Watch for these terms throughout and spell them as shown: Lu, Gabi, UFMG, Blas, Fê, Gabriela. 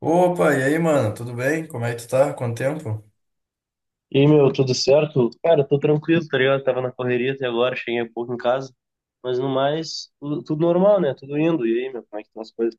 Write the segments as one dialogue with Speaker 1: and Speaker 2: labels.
Speaker 1: Opa, e aí, mano? Tudo bem? Como é que tu tá? Quanto tempo?
Speaker 2: E aí, meu, tudo certo? Cara, tô tranquilo, tá ligado? Tava na correria até agora, cheguei há pouco em casa. Mas no mais, tudo normal, né? Tudo indo. E aí, meu, como é que estão as coisas?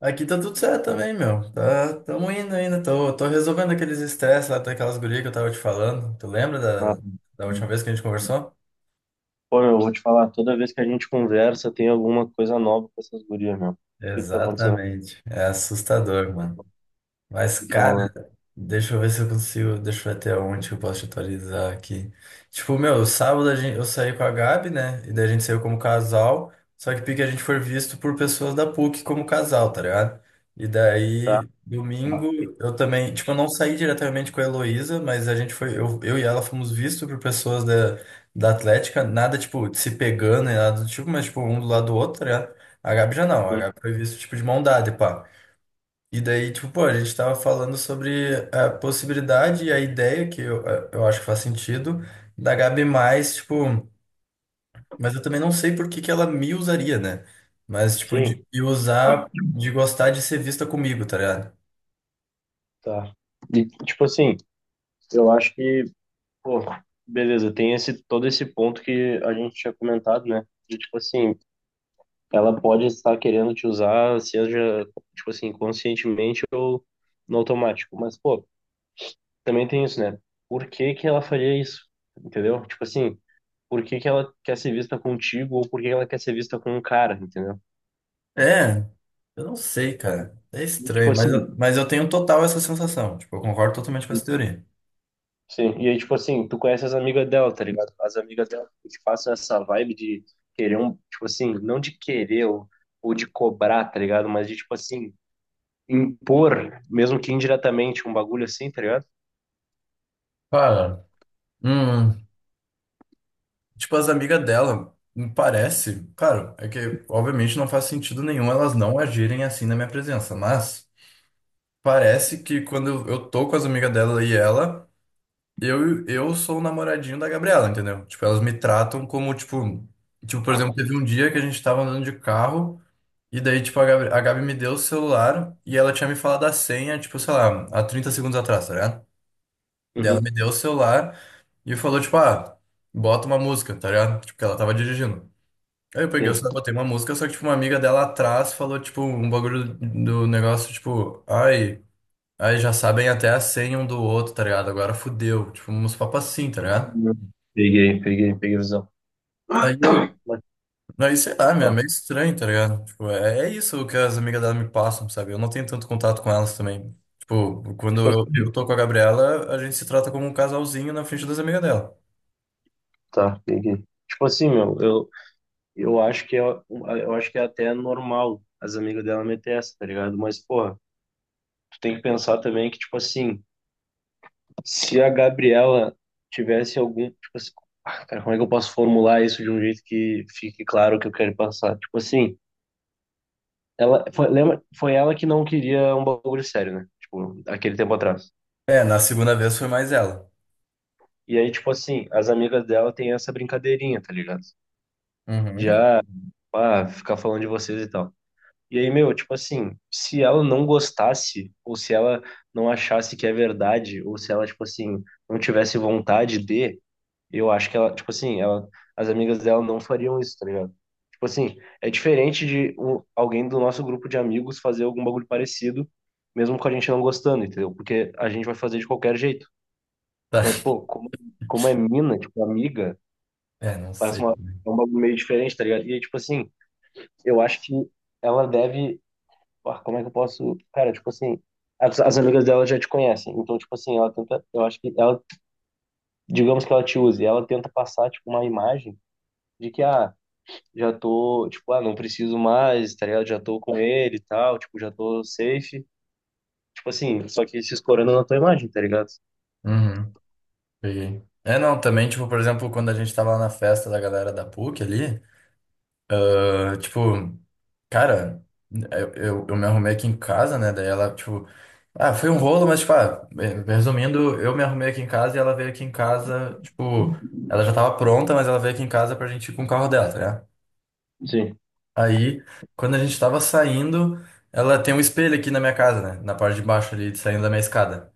Speaker 1: Aqui tá tudo certo também, meu. Tá, tamo indo ainda. Tô resolvendo aqueles estresses lá daquelas gurias que eu tava te falando. Tu lembra
Speaker 2: Ah,
Speaker 1: da, da última vez que a gente conversou?
Speaker 2: pô, meu, eu vou te falar, toda vez que a gente conversa, tem alguma coisa nova com essas gurias, meu. O que que tá acontecendo? O
Speaker 1: Exatamente. É assustador, mano. Mas,
Speaker 2: que que tá
Speaker 1: cara,
Speaker 2: rolando?
Speaker 1: deixa eu ver se eu consigo. Deixa eu ver até onde que eu posso te atualizar aqui. Tipo, meu, sábado a gente, eu saí com a Gabi, né? E daí a gente saiu como casal. Só que pique a gente foi visto por pessoas da PUC como casal, tá ligado? E
Speaker 2: Tá.
Speaker 1: daí, domingo, eu também. Tipo, eu não saí diretamente com a Heloísa, mas a gente foi. Eu e ela fomos vistos por pessoas da, da Atlética. Nada, tipo, de se pegando e nada do tipo, mas, tipo, um do lado do outro, tá ligado? A Gabi já não. A
Speaker 2: Hum,
Speaker 1: Gabi foi visto, tipo, de mão dada, e pá. E daí, tipo, pô, a gente tava falando sobre a possibilidade e a ideia, que eu acho que faz sentido, da Gabi mais, tipo, mas eu também não sei por que que ela me usaria, né? Mas, tipo, de
Speaker 2: sim,
Speaker 1: me usar, de gostar de ser vista comigo, tá ligado?
Speaker 2: tá. E, tipo assim, eu acho que, pô, beleza, tem esse, todo esse ponto que a gente tinha comentado, né? De, tipo assim, ela pode estar querendo te usar, seja, tipo assim, conscientemente ou no automático. Mas, pô, também tem isso, né? Por que que ela faria isso? Entendeu? Tipo assim, por que que ela quer ser vista contigo ou por que ela quer ser vista com um cara, entendeu?
Speaker 1: É, eu não sei, cara. É
Speaker 2: E, tipo
Speaker 1: estranho, mas
Speaker 2: assim,
Speaker 1: eu, mas eu tenho total essa sensação. Tipo, eu concordo totalmente com essa teoria.
Speaker 2: sim. E aí, tipo assim, tu conhece as amigas dela, tá ligado? As amigas dela te passam essa vibe de querer um, tipo assim, não de querer ou de cobrar, tá ligado? Mas de, tipo assim, impor, mesmo que indiretamente, um bagulho assim, tá ligado?
Speaker 1: Cara, hum, tipo, as amigas dela, me parece, claro, é que obviamente não faz sentido nenhum elas não agirem assim na minha presença, mas. Parece que quando eu tô com as amigas dela e ela, eu sou o namoradinho da Gabriela, entendeu? Tipo, elas me tratam como, tipo, tipo, por exemplo, teve um dia que a gente tava andando de carro, e daí, tipo, a Gabi me deu o celular e ela tinha me falado a senha, tipo, sei lá, há 30 segundos atrás, tá ligado? Daí ela
Speaker 2: Uhum,
Speaker 1: me deu o celular e falou, tipo, ah, bota uma música, tá ligado? Tipo, que ela tava dirigindo. Aí eu peguei o
Speaker 2: sim.
Speaker 1: celular, botei uma música, só que, tipo, uma amiga dela atrás falou, tipo, um bagulho do negócio, tipo, ai. Aí já sabem até a senha um do outro, tá ligado? Agora fudeu. Tipo, uns papos assim, tá ligado?
Speaker 2: Hum. Peguei, peguei, peguei a visão.
Speaker 1: Aí eu.
Speaker 2: Mas,
Speaker 1: Aí sei lá, meu, é
Speaker 2: ó,
Speaker 1: meio estranho, tá ligado? Tipo, é isso que as amigas dela me passam, sabe? Eu não tenho tanto contato com elas também. Tipo, quando
Speaker 2: tipo
Speaker 1: eu,
Speaker 2: assim,
Speaker 1: eu tô com a Gabriela, a gente se trata como um casalzinho na frente das amigas dela.
Speaker 2: tá, peguei. Tipo assim, meu, eu acho que é, eu acho que é até normal as amigas dela meter essa, tá ligado? Mas, porra, tu tem que pensar também que, tipo assim, se a Gabriela tivesse algum, tipo assim, ah, cara, como é que eu posso formular isso de um jeito que fique claro o que eu quero passar? Tipo assim, ela, foi, lembra, foi ela que não queria um bagulho sério, né? Tipo, aquele tempo atrás.
Speaker 1: É, na segunda vez foi mais ela.
Speaker 2: E aí, tipo assim, as amigas dela têm essa brincadeirinha, tá ligado?
Speaker 1: Uhum.
Speaker 2: Já ah, ficar falando de vocês e tal. E aí, meu, tipo assim, se ela não gostasse, ou se ela não achasse que é verdade, ou se ela, tipo assim, não tivesse vontade de, eu acho que ela, tipo assim, ela, as amigas dela não fariam isso, tá ligado? Tipo assim, é diferente de um- alguém do nosso grupo de amigos fazer algum bagulho parecido, mesmo com a gente não gostando, entendeu? Porque a gente vai fazer de qualquer jeito.
Speaker 1: Tá.
Speaker 2: Mas, pô, como é mina, tipo, amiga,
Speaker 1: É, não
Speaker 2: parece
Speaker 1: sei.
Speaker 2: uma, é um bagulho meio diferente, tá ligado? E aí, tipo assim eu acho que ela deve. Ah, como é que eu posso. Cara, tipo assim. As amigas dela já te conhecem. Então, tipo assim, ela tenta. Eu acho que ela. Digamos que ela te use. Ela tenta passar, tipo, uma imagem de que, ah, já tô. Tipo, ah, não preciso mais, tá ligado? Já tô com ele e tal. Tipo, já tô safe. Tipo assim, só que se escorando na tua imagem, tá ligado?
Speaker 1: Uhum. Peguei. É, não, também, tipo, por exemplo, quando a gente tava lá na festa da galera da PUC ali, ah, tipo. Cara, eu me arrumei aqui em casa, né? Daí ela, tipo, ah, foi um rolo, mas, tipo, ah, resumindo, eu me arrumei aqui em casa e ela veio aqui em casa, tipo, ela já tava pronta, mas ela veio aqui em casa pra gente ir com o carro dela, tá ligado?
Speaker 2: Sim.
Speaker 1: Aí, quando a gente tava saindo, ela tem um espelho aqui na minha casa, né? Na parte de baixo ali, saindo da minha escada.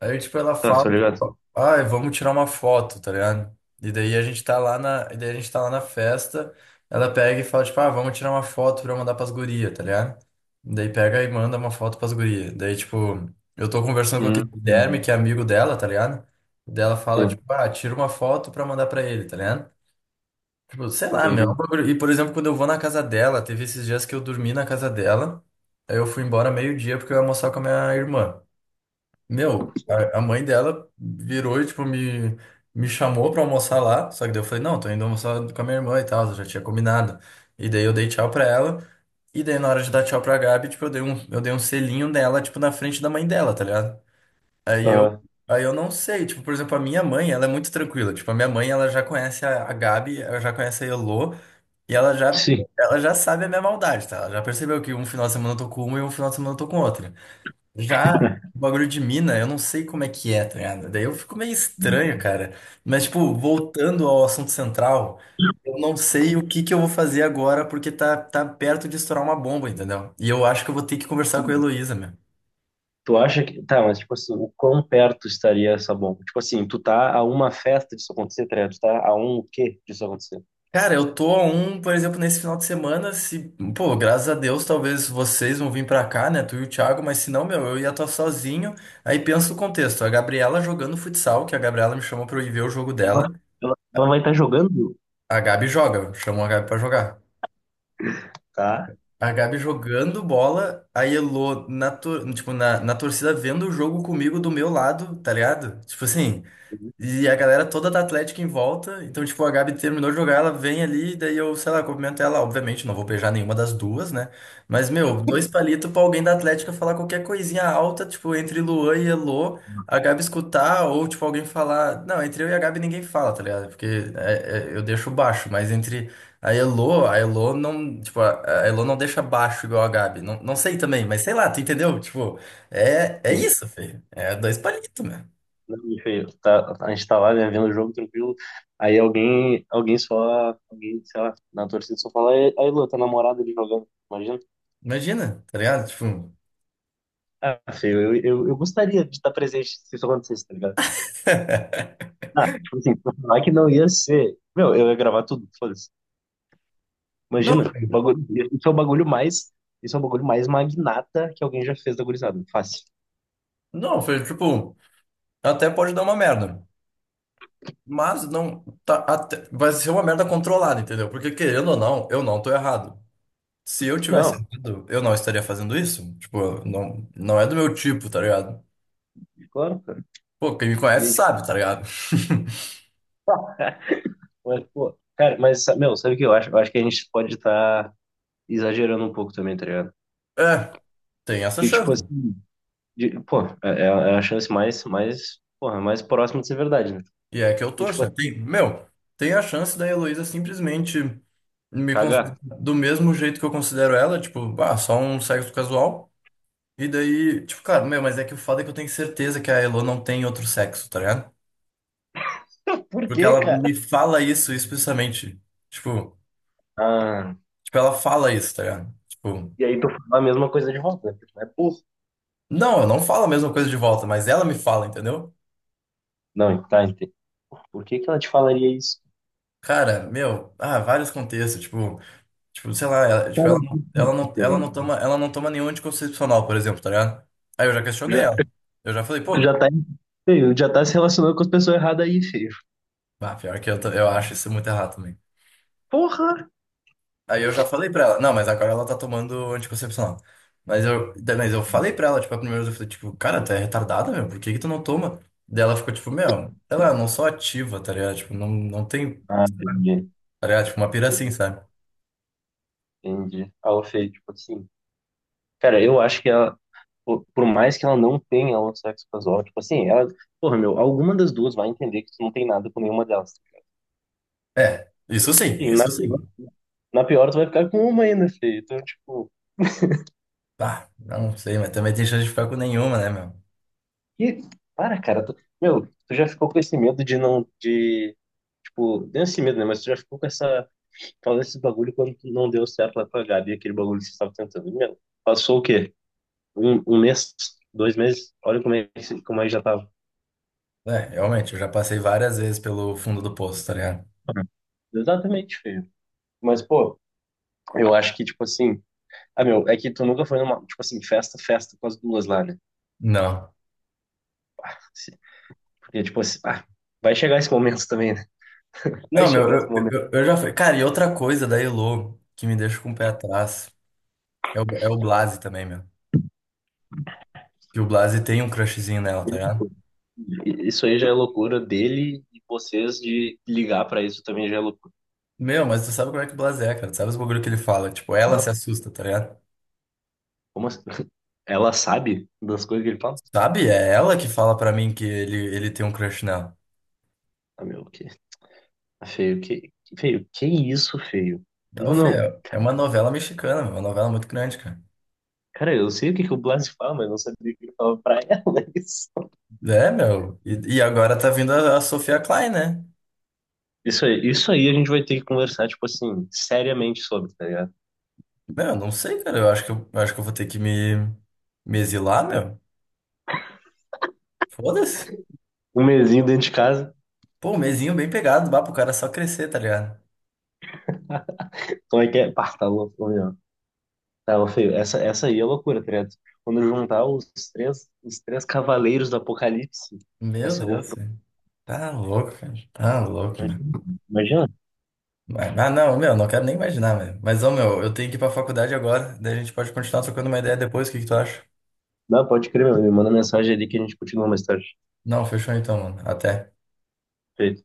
Speaker 1: Aí, tipo, ela
Speaker 2: Tá,
Speaker 1: fala,
Speaker 2: tô ligado.
Speaker 1: tipo, ai, vamos tirar uma foto, tá ligado? E daí a gente tá lá na, e daí a gente tá lá na festa, ela pega e fala, tipo, ah, vamos tirar uma foto pra eu mandar pras gurias, tá ligado? Daí pega e manda uma foto pras gurias. Daí, tipo, eu tô conversando com aquele Guilherme,
Speaker 2: Hum,
Speaker 1: que é amigo dela, tá ligado? Daí ela fala, tipo,
Speaker 2: sim,
Speaker 1: ah, tira uma foto pra mandar pra ele, tá ligado? Tipo, sei lá, meu. É um
Speaker 2: peguei.
Speaker 1: bagulho- e, por exemplo, quando eu vou na casa dela, teve esses dias que eu dormi na casa dela, aí eu fui embora meio-dia porque eu ia almoçar com a minha irmã. Meu, a mãe dela virou e, tipo, me chamou pra almoçar lá. Só que daí eu falei, não, tô indo almoçar com a minha irmã e tal, eu já tinha combinado. E daí eu dei tchau pra ela. E daí na hora de dar tchau pra Gabi, tipo, eu dei um selinho nela, tipo, na frente da mãe dela, tá ligado? Aí eu,
Speaker 2: Aham.
Speaker 1: aí eu não sei, tipo, por exemplo, a minha mãe, ela é muito tranquila. Tipo, a minha mãe, ela já conhece a Gabi, ela já conhece a Elô, e ela já,
Speaker 2: Sim.
Speaker 1: ela já sabe a minha maldade, tá? Ela já percebeu que um final de semana eu tô com uma e um final de semana eu tô com outra. Já o bagulho de mina, eu não sei como é que é, tá ligado? Daí eu fico meio estranho, cara. Mas, tipo, voltando ao assunto central, eu não sei o que que eu vou fazer agora porque tá perto de estourar uma bomba, entendeu? E eu acho que eu vou ter que conversar com a Heloísa, meu.
Speaker 2: Tu acha que. Tá, mas tipo assim, o quão perto estaria essa bomba? Tipo assim, tu tá a uma festa disso acontecer, tá ligado? Tu tá a um o quê disso acontecer?
Speaker 1: Cara, eu tô a um, por exemplo, nesse final de semana, se, pô, graças a Deus, talvez vocês vão vir pra cá, né, tu e o Thiago, mas se não, meu, eu ia estar sozinho. Aí pensa o contexto, a Gabriela jogando futsal, que a Gabriela me chamou pra eu ir ver o jogo dela.
Speaker 2: Ela, ela vai estar jogando,
Speaker 1: A Gabi joga, chamou a Gabi pra jogar.
Speaker 2: tá?
Speaker 1: A Gabi jogando bola, a Elô na, tor- tipo, na, na torcida vendo o jogo comigo do meu lado, tá ligado? Tipo assim,
Speaker 2: Sim.
Speaker 1: e a galera toda da Atlética em volta. Então, tipo, a Gabi terminou de jogar, ela vem ali, daí eu, sei lá, cumprimento ela. Obviamente, não vou beijar nenhuma das duas, né? Mas, meu, dois palitos pra alguém da Atlética falar qualquer coisinha alta, tipo, entre Luan e Elô, a Gabi escutar, ou, tipo, alguém falar. Não, entre eu e a Gabi ninguém fala, tá ligado? Porque eu deixo baixo, mas entre a Elô não. Tipo, a Elô não deixa baixo igual a Gabi. Não, não sei também, mas sei lá, tu entendeu? Tipo, é isso, filho. É dois palitos,
Speaker 2: Não, me feio. Tá, a gente tá lá, né, vendo o jogo tranquilo. Aí alguém, alguém só, alguém, sei lá, na torcida só fala, aí, aí, Lu, tá namorado ali jogando, imagina?
Speaker 1: imagina, tá ligado? Tipo,
Speaker 2: Ah, feio, eu gostaria de estar presente se isso acontecesse, tá ligado? Ah, tipo assim, pra falar que não ia ser. Meu, eu ia gravar tudo, foda-se.
Speaker 1: não,
Speaker 2: Imagina,
Speaker 1: velho.
Speaker 2: bagulho, isso é o bagulho mais magnata que alguém já fez da gurizada. Fácil.
Speaker 1: Não, foi tipo, até pode dar uma merda. Mas não, tá, até- vai ser uma merda controlada, entendeu? Porque querendo ou não, eu não tô errado. Se eu tivesse
Speaker 2: Não,
Speaker 1: errado, eu não estaria fazendo isso. Tipo, não, não é do meu tipo, tá ligado?
Speaker 2: claro, cara.
Speaker 1: Pô, quem me
Speaker 2: E
Speaker 1: conhece
Speaker 2: aí, tipo,
Speaker 1: sabe, tá ligado?
Speaker 2: mas, pô, cara, mas, sa- meu, sabe o que eu acho? Eu acho que a gente pode estar exagerando um pouco também, tá ligado?
Speaker 1: É, tem essa
Speaker 2: E, tipo,
Speaker 1: chance.
Speaker 2: assim, de- pô, é, é a chance mais, porra, mais próxima de ser verdade, né?
Speaker 1: E é que eu
Speaker 2: E,
Speaker 1: torço,
Speaker 2: tipo,
Speaker 1: né?
Speaker 2: assim,
Speaker 1: Tem, meu, tem a chance da Heloísa simplesmente me
Speaker 2: cagar.
Speaker 1: considerar do mesmo jeito que eu considero ela, tipo, ah, só um sexo casual. E daí, tipo, cara, meu, mas é que o foda é que eu tenho certeza que a Elo não tem outro sexo, tá ligado?
Speaker 2: Por
Speaker 1: Porque
Speaker 2: quê,
Speaker 1: ela me
Speaker 2: cara?
Speaker 1: fala isso explicitamente. Tipo,
Speaker 2: Ah,
Speaker 1: tipo, ela fala isso, tá ligado? Tipo,
Speaker 2: e aí tu fala a mesma coisa de volta, né? Porque tu é burro.
Speaker 1: não, eu não falo a mesma coisa de volta, mas ela me fala, entendeu?
Speaker 2: Não, tá, entendi. Por que que ela te falaria isso?
Speaker 1: Cara, meu, ah, vários contextos, tipo, sei lá,
Speaker 2: Cara,
Speaker 1: ela
Speaker 2: enfim,
Speaker 1: não toma, nenhum anticoncepcional, por exemplo, tá ligado? Aí eu já questionei
Speaker 2: já,
Speaker 1: ela. Eu já falei,
Speaker 2: tu
Speaker 1: pô,
Speaker 2: já tá, feio, já tá se relacionando com as pessoas erradas aí, feio.
Speaker 1: ah, pior que eu, tô- eu acho isso muito errado também.
Speaker 2: Porra!
Speaker 1: Aí eu já falei pra ela, não, mas agora ela tá tomando anticoncepcional. Mas eu falei pra ela, tipo, a primeira vez eu falei, tipo, cara, tu é retardada, meu, por que que tu não toma? Daí ela ficou, tipo, meu, ela não sou ativa, tá ligado? Tipo, não, não tem,
Speaker 2: Ah, entendi.
Speaker 1: tá ligado? Tipo, uma pira assim, sabe?
Speaker 2: Entendi. Ah, ô, Fê, tipo assim, cara, eu acho que ela, por mais que ela não tenha o sexo casual, tipo assim, ela, porra, meu, alguma das duas vai entender que tu não tem nada com nenhuma delas.
Speaker 1: É, isso sim,
Speaker 2: E
Speaker 1: isso sim.
Speaker 2: na pior tu vai ficar com uma ainda, Fê. Então, tipo,
Speaker 1: Ah, não sei, mas também tem chance de ficar com nenhuma, né, meu?
Speaker 2: que, para, cara, tu, meu, tu já ficou com esse medo de não, de, tipo, não esse medo, né, mas tu já ficou com essa Fala esse bagulho quando não deu certo lá com a Gabi, aquele bagulho que você estava tentando. Meu, passou o quê? Um mês? 2 meses? Olha como é que já tava.
Speaker 1: É, realmente, eu já passei várias vezes pelo fundo do poço, tá ligado?
Speaker 2: Uhum. Exatamente, feio. Mas, pô, eu acho que, tipo assim. Ah, meu, é que tu nunca foi numa, tipo assim, festa, festa com as duas lá, né?
Speaker 1: Não.
Speaker 2: Se- Porque, tipo assim, ah, vai chegar esse momento também, né? Vai
Speaker 1: Não, meu,
Speaker 2: chegar esse
Speaker 1: eu, eu,
Speaker 2: momento.
Speaker 1: eu eu já fui. Cara, e outra coisa da Elo que me deixa com o pé atrás é o Blase também, meu. Que o Blase tem um crushzinho nela, tá ligado?
Speaker 2: E- Isso aí já é loucura dele e vocês de ligar pra isso também já é loucura.
Speaker 1: Meu, mas tu sabe como é que o Blase é, cara. Tu sabe os bagulho que ele fala. Tipo, ela
Speaker 2: Não,
Speaker 1: se assusta, tá ligado?
Speaker 2: como assim? Ela sabe das coisas que ele fala?
Speaker 1: Sabe? É ela que fala pra mim que ele tem um crush nela.
Speaker 2: Ah, meu, o quê? Feio, que, feio, que isso, feio?
Speaker 1: Então,
Speaker 2: Não,
Speaker 1: Fê,
Speaker 2: não.
Speaker 1: é uma novela mexicana, meu, uma novela muito grande, cara.
Speaker 2: Cara, eu sei o que que o Blas fala, mas não sabia o que ele falava pra ela. Isso.
Speaker 1: É, meu. E agora tá vindo a Sofia Klein, né?
Speaker 2: Isso aí a gente vai ter que conversar, tipo assim, seriamente sobre, tá ligado?
Speaker 1: Meu, não sei, cara. Eu acho que eu vou ter que me exilar, meu. Foda-se.
Speaker 2: Um mesinho dentro de casa,
Speaker 1: Pô, um mesinho bem pegado, bah, pro cara só crescer, tá ligado?
Speaker 2: como é que é? Pá, tá louco, ô, meu. Tá, ô, feio, essa aí é loucura, tá ligado? Quando eu juntar os três cavaleiros do Apocalipse, vai
Speaker 1: Meu
Speaker 2: ser
Speaker 1: Deus,
Speaker 2: loucura.
Speaker 1: velho. Tá louco, cara. Tá louco, meu.
Speaker 2: Imagina, imagina.
Speaker 1: Mas- ah, não, meu, não quero nem imaginar, velho. Mas, ô, meu, eu tenho que ir pra faculdade agora, daí a gente pode continuar trocando uma ideia depois, o que que tu acha?
Speaker 2: Não, pode crer, meu. Me manda mensagem ali que a gente continua mais tarde.
Speaker 1: Não, fechou então, mano. Até.
Speaker 2: Feio.